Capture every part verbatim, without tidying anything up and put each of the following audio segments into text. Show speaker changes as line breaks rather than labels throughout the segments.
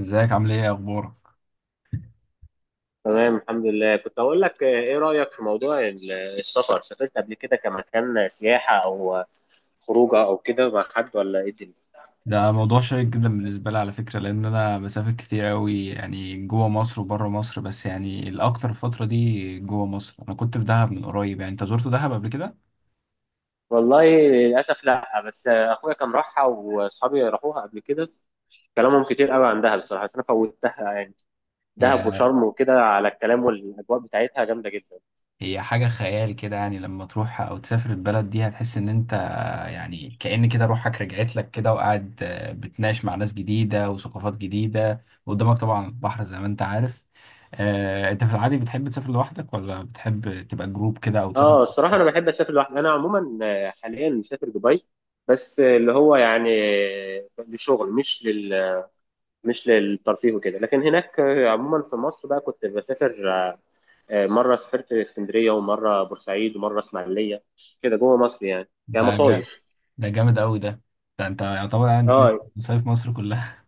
ازيك؟ عامل ايه؟ إيه اخبارك؟
تمام، الحمد لله. كنت أقول لك، آه، إيه رأيك في موضوع ال- السفر؟ سافرت قبل كده كمكان سياحة أو خروجة أو كده مع حد، ولا إيه الدنيا؟
ده موضوع شيق جدا بالنسبه لي على فكره، لان انا بسافر كتير قوي يعني جوه مصر وبره مصر، بس يعني الاكتر الفتره دي جوه مصر. انا كنت في دهب من قريب. يعني انت زرت دهب قبل كده؟
والله للأسف لأ، بس آه، أخويا كان راحها وأصحابي راحوها قبل كده. كلامهم كتير قوي عن دهب بصراحة، بس أنا فوتها يعني. دهب
هي
وشرم وكده، على الكلام، والأجواء بتاعتها جامدة جدا.
هي حاجه خيال كده يعني، لما تروح او تسافر البلد دي هتحس ان انت يعني كأن كده روحك رجعت لك كده وقاعد آه، بتناقش مع ناس جديده وثقافات جديده، وقدامك طبعا البحر زي ما انت عارف. آه، انت في العادي بتحب تسافر لوحدك، ولا بتحب تبقى جروب كده او تسافر؟
اه، الصراحه انا بحب اسافر لوحدي. انا عموما آه، حاليا مسافر دبي، بس آه، اللي هو يعني آه، لشغل. مش لل مش للترفيه وكده. لكن هناك آه، عموما في مصر بقى كنت بسافر، آه، آه، مرة سافرت اسكندرية ومرة بورسعيد ومرة اسماعيلية، كده جوه مصر يعني
ده
كمصايف.
ده جامد قوي ده. ده انت يعتبر يعني تلف
اه،
مصايف مصر كلها.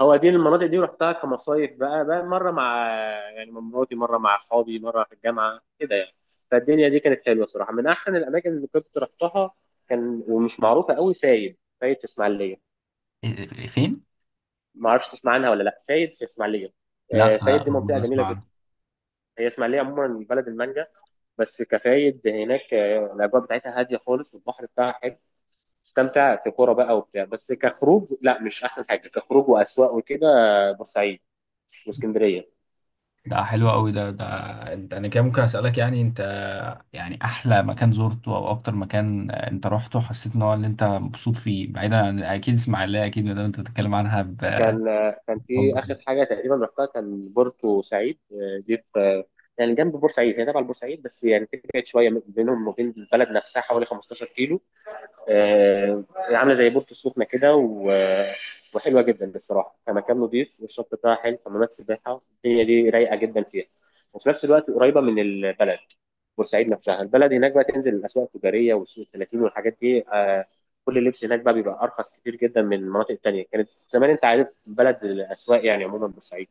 هو دي المناطق دي رحتها كمصايف. بقى بقى مرة مع، يعني مع مراتي، مرة مع أصحابي، مرة في الجامعة كده يعني. فالدنيا دي كانت حلوة صراحة، من أحسن الأماكن اللي كنت رحتها. كان ومش معروفة قوي، فايد فايد في اسماعيلية.
إيه- إيه- فين؟
ما أعرفش تسمع عنها ولا لا، فايد في اسماعيلية. آه،
لا انا
فايد
أول
دي منطقة
مرة
جميلة
اسمع
جدا.
عنه.
هي اسماعيلية عموما بلد المانجا. بس كفايد هناك، آه، الاجواء بتاعتها هاديه خالص، والبحر بتاعها حلو، تستمتع في كوره بقى وبتاع. بس كخروج لا، مش احسن حاجه كخروج واسواق وكده. آه، بورسعيد واسكندريه.
ده حلو قوي ده. ده انت، انا كده ممكن اسالك يعني، انت يعني احلى مكان زرته او اكتر مكان انت رحته حسيت ان هو اللي انت مبسوط فيه، بعيدا عن اكيد اسماعيليه اكيد ما دام انت بتتكلم عنها بحب.
كان آه، كان في اخر حاجه تقريبا رحتها كان بورتو سعيد. آه، دي في، آه، يعني جنب بورسعيد، هي تبع بورسعيد، بس يعني تبعد شويه، بينهم وبين البلد نفسها حوالي خمسة عشر كيلو. آه، عامله زي بورتو السخنه كده و... آه، وحلوه جدا بصراحه، كمكان نضيف، والشط بتاعها حلو، حمامات سباحه، الدنيا دي رايقه جدا فيها، وفي نفس الوقت قريبه من البلد. بورسعيد نفسها البلد، هناك بقى تنزل الاسواق التجاريه والسوق ثلاثين والحاجات دي، آه، كل اللبس هناك بقى بيبقى ارخص كتير جدا من المناطق التانيه. كانت زمان، انت عارف، بلد الاسواق يعني عموما بورسعيد.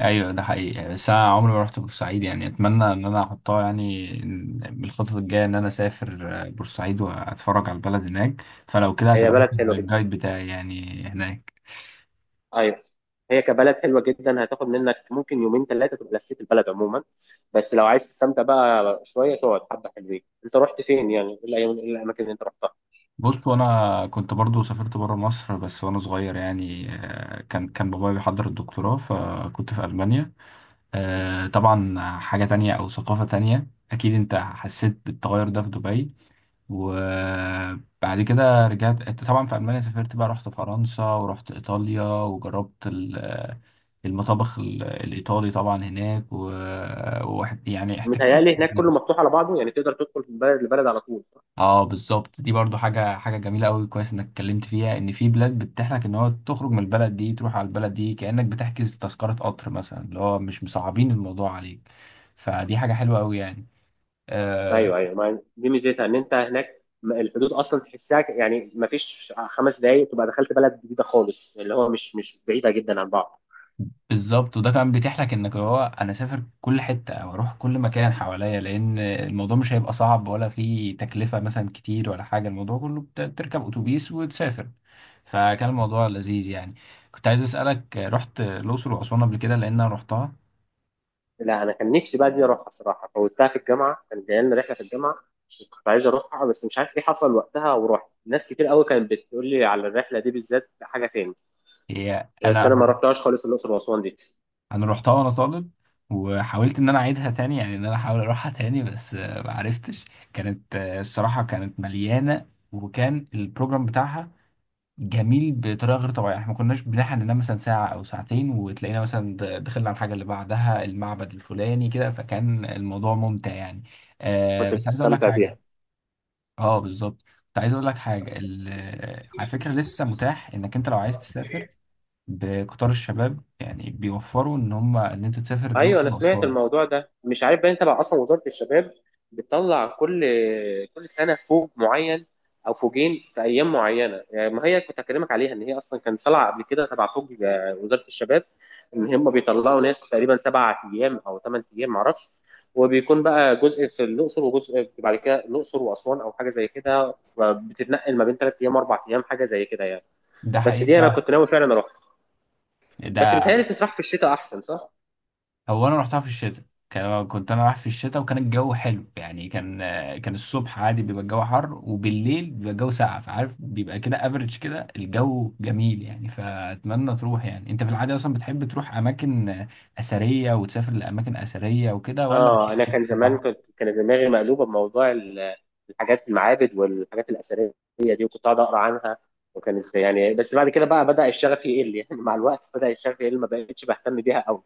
ايوه ده حقيقي يعني، بس انا عمري ما رحت بورسعيد. يعني اتمنى ان انا احطها يعني من الخطط الجايه ان انا اسافر آه، بورسعيد واتفرج على البلد هناك. فلو كده
هي
هتبقى
بلد
أنت
حلوه جدا.
الجايد بتاعي يعني هناك.
ايوه، هي كبلد حلوه جدا، هتاخد منك ممكن يومين ثلاثه تبقى لفيت البلد عموما. بس لو عايز تستمتع بقى شويه تقعد حبه حلوين. انت رحت فين يعني؟ ايه الأيام- إيه الاماكن اللي انت رحتها؟
بص، وانا كنت برضو سافرت بره مصر، بس وانا صغير يعني. آه، كان كان بابايا بيحضر الدكتوراه فكنت في المانيا. آه، طبعا حاجه تانية او ثقافه تانية، اكيد انت حسيت بالتغير ده في دبي. وبعد كده رجعت طبعا في ألمانيا، سافرت بقى، رحت فرنسا ورحت إيطاليا وجربت ال- المطابخ ال- الإيطالي طبعا هناك و... وواحد يعني احتكيت
متهيألي هناك كله
بالناس.
مفتوح على بعضه، يعني تقدر تدخل من بلد لبلد على طول.
اه بالظبط، دي برضو حاجة حاجة جميلة قوي. كويس انك اتكلمت فيها، ان في بلاد بتتيح لك ان هو تخرج من البلد دي تروح على البلد دي، كأنك بتحجز تذكرة قطر مثلا، اللي هو مش مصعبين الموضوع عليك. فدي حاجة حلوة قوي يعني. آه،
ايوه، ايوه، ما دي ميزتها، ان انت هناك م- الحدود اصلا تحسها، ك- يعني ما فيش خمس دقايق تبقى دخلت بلد جديده خالص، اللي هو مش مش بعيده جدا عن بعض.
بالظبط. وده كمان بيتيح لك انك هو انا اسافر كل حته او اروح كل مكان حواليا، لان الموضوع مش هيبقى صعب، ولا فيه تكلفه مثلا كتير ولا حاجه. الموضوع كله بت- بتركب اتوبيس وتسافر. فكان الموضوع لذيذ يعني. كنت عايز اسالك، رحت الاقصر واسوان قبل كده؟ لان انا رحتها.
لا، انا كان نفسي بقى دي اروحها صراحه، فوتها في الجامعه، كان جاي لنا رحله في الجامعه، كنت عايز اروحها، بس مش عارف ايه حصل وقتها، ورحت ناس كتير قوي كانت بتقول لي على الرحله دي بالذات حاجه تاني.
هي
بس
انا
انا ما رحتهاش خالص الاقصر واسوان دي.
انا رحتها وانا طالب، وحاولت ان انا اعيدها تاني يعني، ان انا احاول اروحها تاني، بس آه، ما عرفتش. كانت آه، الصراحه كانت مليانه، وكان البروجرام بتاعها جميل بطريقه غير طبيعيه. احنا ما كناش بنلحق ننام مثلا ساعه او ساعتين وتلاقينا مثلا د- دخلنا على الحاجه اللي بعدها، المعبد الفلاني كده. فكان الموضوع ممتع يعني. آه
كنت
بس عايز اقول لك
بتستمتع
حاجه.
بيها.
اه بالظبط، كنت عايز اقول لك حاجه، ال- آه، على فكره لسه متاح انك انت لو عايز تسافر بقطار الشباب. يعني بيوفروا ان هم ان انت تسافر
ايوه،
الاقصر
انا سمعت
واسوان.
الموضوع ده، مش عارف بقى انت بقى اصلا. وزاره الشباب بتطلع كل كل سنه فوج معين او فوجين في ايام معينه يعني. ما هي كنت اكلمك عليها، ان هي اصلا كانت طالعه قبل كده تبع فوج، آه، وزاره الشباب، ان هم بيطلعوا ناس تقريبا سبع ايام او ثمان ايام معرفش، وبيكون بقى جزء في الاقصر وجزء بعد كده الاقصر واسوان، او حاجه زي كده، بتتنقل ما بين ثلاث ايام واربع ايام، حاجه زي كده يعني.
ده
بس
حقيقي
دي انا
فعلا.
كنت ناوي فعلا اروح. بس
ده
بيتهيألي تتراح في الشتاء احسن، صح؟
هو انا رحتها في الشتاء. كان كنت انا رايح في الشتاء وكان الجو حلو يعني. كان آه، كان الصبح عادي بيبقى الجو حر، وبالليل بيبقى الجو ساقع، فعارف بيبقى كده افريج كده، الجو جميل يعني. فاتمنى تروح. يعني انت في العادة اصلا بتحب تروح اماكن آه، اثرية وتسافر لاماكن اثرية وكده، ولا
اه،
بتحب
انا كان زمان،
تسافر؟
كنت كان دماغي مقلوبه بموضوع ال- الحاجات، المعابد والحاجات الاثريه دي، وكنت قاعد اقرا عنها، وكانت يعني. بس بعد كده بقى بدا الشغف يقل يعني مع الوقت بدا الشغف يقل، ما بقتش بهتم بيها قوي.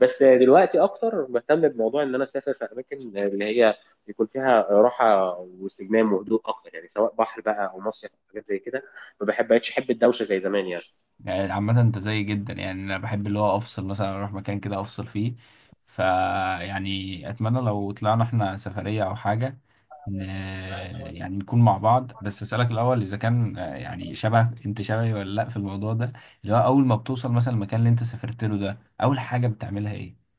بس دلوقتي اكتر بهتم بموضوع ان انا اسافر في اماكن اللي هي يكون فيها راحه واستجمام وهدوء اكتر، يعني سواء بحر بقى او مصيف او حاجات زي كده. ما بحب بقتش احب الدوشه زي زمان
يعني عامة انت زي جدا يعني، انا بحب اللي هو افصل، مثلا اروح مكان كده افصل فيه. فا يعني اتمنى لو طلعنا احنا سفرية او حاجة. ن... آه،
يعني.
يعني نكون مع بعض. بس اسألك الاول اذا كان آه، يعني شبه، انت شبهي ولا لا في الموضوع ده، اللي هو اول ما بتوصل مثلا المكان اللي انت سافرت له ده، اول حاجة بتعملها ايه؟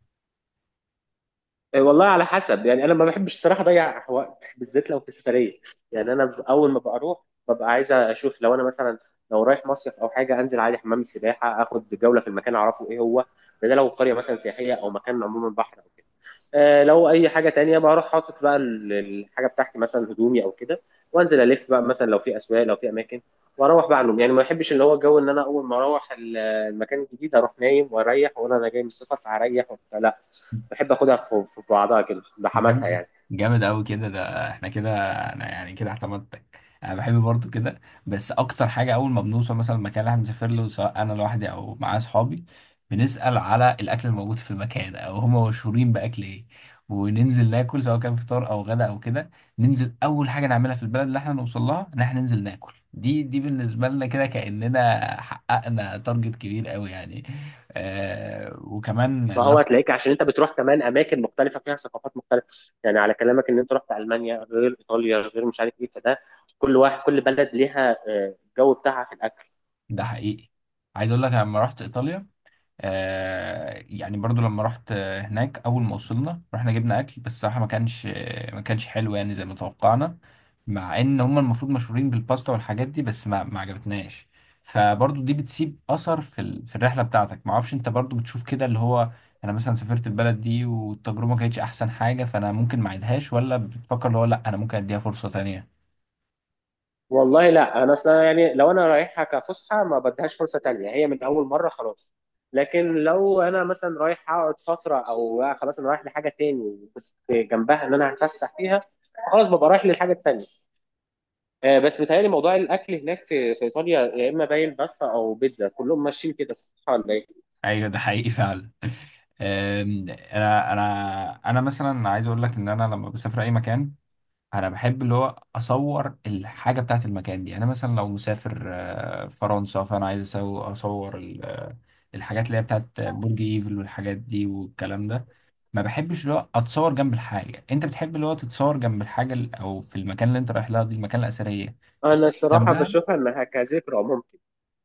إيه، والله على حسب يعني، انا ما بحبش الصراحه اضيع وقت، بالذات لو في سفريه. يعني انا ب- اول ما بروح، ببقى عايز اشوف، لو انا مثلا لو رايح مصيف او حاجه، انزل عادي حمام السباحه، اخد جوله في المكان اعرفه ايه هو، ده ده لو قريه مثلا سياحيه، او مكان عموما بحر او كده. آه، لو اي حاجه تانية بروح حاطط بقى ال- الحاجه بتاعتي مثلا هدومي او كده، وانزل الف بقى، مثلا لو في اسواق، لو في اماكن، واروح بقى نوم. يعني ما بحبش اللي هو الجو ان انا اول ما اروح ال- المكان الجديد اروح نايم واريح واقول انا جاي من السفر فهريح وبتاع. لا، بحب اخدها في في بعضها كده بحماسها
جامد،
يعني.
جامد قوي كده ده. احنا كده، انا يعني كده اعتمدتك. انا بحب برضو كده، بس اكتر حاجه اول ما بنوصل مثلا المكان اللي احنا بنسافر له، سواء انا لوحدي او معايا اصحابي، بنسال على الاكل الموجود في المكان او هم مشهورين باكل ايه، وننزل ناكل سواء كان فطار او غدا او كده. ننزل اول حاجه نعملها في البلد اللي احنا نوصل لها ان احنا ننزل ناكل. دي دي بالنسبه لنا كده كاننا حققنا تارجت كبير قوي يعني. آه وكمان
فهو
بناخد-
هتلاقيك عشان انت بتروح كمان اماكن مختلفه فيها ثقافات مختلفه. يعني على كلامك ان انت رحت المانيا غير ايطاليا غير مش عارف ايه، فده كل واحد، كل بلد ليها آه، الجو بتاعها في الاكل.
ده حقيقي. عايز اقول لك، أنا لما رحت ايطاليا، آه يعني برضو لما رحت آه، هناك، اول ما وصلنا رحنا جبنا اكل، بس الصراحه ما كانش آه، ما كانش حلو يعني زي ما توقعنا، مع ان هم المفروض مشهورين بالباستا والحاجات دي، بس ما ما عجبتناش. فبرضو دي بتسيب اثر في ال... في الرحله بتاعتك. ما اعرفش انت برضو بتشوف كده، اللي هو انا مثلا سافرت البلد دي والتجربه ما كانتش احسن حاجه، فانا ممكن ما اعيدهاش، ولا بتفكر اللي هو لا انا ممكن اديها فرصه تانية؟
والله لا، انا اصلا يعني لو انا رايحها كفسحه ما بديهاش فرصه تانية، هي من اول مره خلاص. لكن لو انا مثلا رايح اقعد فتره، او خلاص انا رايح لحاجه تاني بس جنبها ان انا هتفسح فيها، خلاص ببقى رايح للحاجه التانية. آه، بس بيتهيألي موضوع الأكل هناك في في إيطاليا يا إما باين باستا أو بيتزا، كلهم ماشيين كده، صح ولا إيه؟
ايوه ده حقيقي فعلا. أم، انا انا انا مثلا عايز اقول لك ان انا لما بسافر اي مكان، انا بحب اللي هو اصور الحاجه بتاعت المكان دي. انا مثلا لو مسافر آه، فرنسا، فانا عايز أسو- اصور ال- آه، الحاجات اللي هي بتاعت برج ايفل والحاجات دي والكلام ده. ما بحبش اللي هو اتصور جنب الحاجه. انت بتحب اللي هو تتصور جنب الحاجه ال- او في المكان اللي انت رايح لها دي، المكان الاثريه
أنا الصراحة
جنبها.
بشوفها إنها كذكرى ممكن،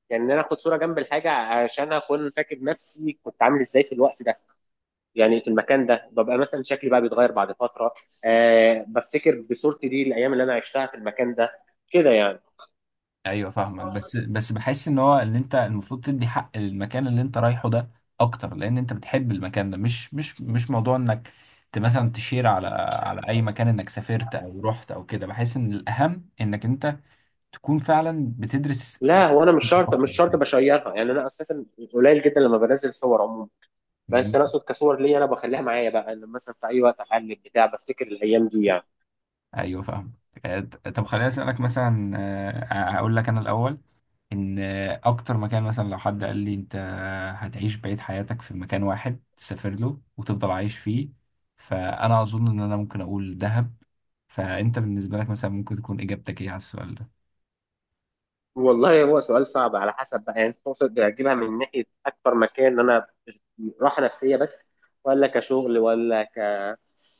يعني إن أنا آخد صورة جنب الحاجة عشان أكون فاكر نفسي كنت عامل إزاي في الوقت ده، يعني في المكان ده. ببقى مثلا شكلي بقى بيتغير بعد فترة، أه بفتكر بصورتي دي الأيام اللي أنا عشتها في المكان ده، كده يعني.
ايوه فاهمك، بس بس بحس ان هو اللي انت المفروض تدي حق للمكان اللي انت رايحه ده اكتر، لان انت بتحب المكان ده، مش مش مش موضوع انك ت- مثلا تشير على على اي مكان انك سافرت او رحت او كده. بحس ان الاهم انك انت تكون فعلا بتدرس
لا،
إيه.
هو أنا مش شرط مش شرط بشيرها، يعني أنا أساسا قليل جدا لما بنزل صور عموما. بس انا
مم.
اقصد كصور ليا، انا بخليها معايا بقى لما مثلا في اي وقت احلل بتاع بفتكر الايام دي يعني.
ايوه فاهم. آه، طب خليني اسالك مثلا، آه، هقول لك انا الاول ان اكتر مكان مثلا لو حد قال لي انت هتعيش بقية حياتك في مكان واحد تسافر له وتفضل عايش فيه، فانا اظن ان انا ممكن اقول دهب. فانت بالنسبة لك مثلا ممكن تكون اجابتك ايه على السؤال ده؟
والله هو سؤال صعب، على حسب بقى. يعني تقصد اجيبها من ناحيه اكتر مكان انا راحه نفسيه بس، ولا كشغل، ولا ك...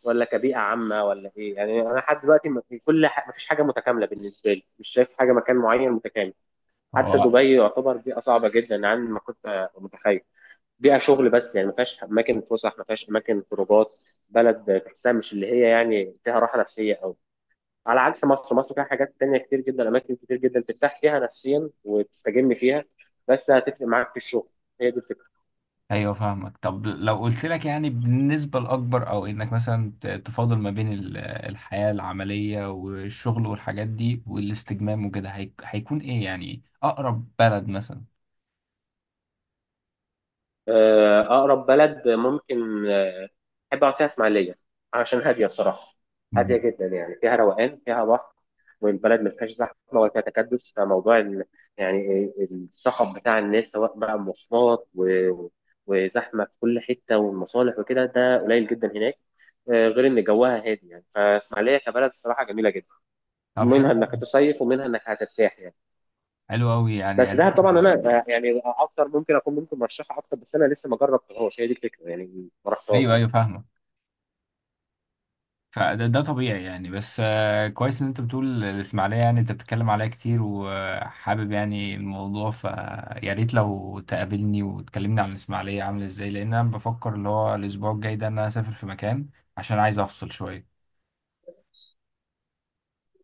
ولا كبيئه عامه، ولا ايه يعني. انا لحد دلوقتي ما في كل ح... ما فيش حاجه متكامله بالنسبه لي، مش شايف حاجه، مكان معين متكامل. حتى
هو
دبي يعتبر بيئه صعبه جدا عن ما كنت متخيل، بيئه شغل بس يعني، ما فيهاش اماكن فسح، ما فيهاش اماكن خروجات، بلد تحسها مش اللي هي يعني فيها راحه نفسيه أوي. على عكس مصر، مصر فيها حاجات تانية كتير جدا، أماكن كتير جدا ترتاح فيها نفسيا وتستجم فيها، بس هتفرق معاك في الشغل. هي دي الفكرة.
ايوه فاهمك. طب لو قلت لك يعني بالنسبة الاكبر، او انك مثلا ت- تفاضل ما بين ال- الحياة العملية والشغل والحاجات دي والاستجمام وكده، هي- هيكون ايه يعني اقرب بلد مثلا؟
آه، أقرب بلد ممكن، آه، أحب أقعد فيها، إسماعيلية، عشان هادية الصراحة.
مم.
هادية جدا، يعني فيها روقان، فيها بحر، والبلد ما فيهاش زحمة ولا فيها تكدس، فموضوع ال- يعني الصخب بتاع الناس، سواء بقى مواصلات و- وزحمة في كل حتة والمصالح وكده، ده قليل جدا هناك. آه، غير إن جوها هادي يعني، فإسماعيلية كبلد الصراحة جميلة جدا،
طب حلو
منها انك
أوي.
هتصيف ومنها انك هترتاح يعني.
حلو قوي
بس
يعني.
دهب طبعا انا، آه، يعني اكتر ممكن اكون، ممكن مرشحها اكتر، بس انا لسه ما جربتهاش، هي دي الفكره يعني، ما
ايوه ايوه
رحتهاش.
فاهمك. فده ده طبيعي يعني، بس آه، كويس ان انت بتقول الاسماعيليه، يعني انت بتتكلم عليها كتير وحابب يعني الموضوع. فيا ريت لو تقابلني وتكلمني عن الاسماعيليه عامله ازاي، لان انا بفكر اللي هو الاسبوع الجاي ده ان انا اسافر في مكان عشان عايز افصل شويه.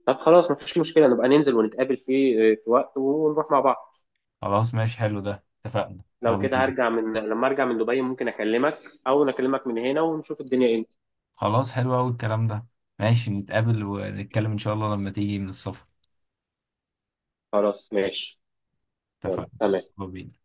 طب خلاص، ما فيش مشكله، نبقى ننزل ونتقابل في في وقت ونروح مع بعض.
خلاص ماشي، حلو ده، اتفقنا،
لو
يلا
كده،
بينا.
هرجع من لما ارجع من دبي ممكن اكلمك، او اكلمك من هنا ونشوف الدنيا ايه.
خلاص حلو قوي الكلام ده. ماشي نتقابل ونتكلم ان شاء الله لما تيجي من السفر.
خلاص ماشي، يلا
اتفقنا.
تمام.
يلا بينا.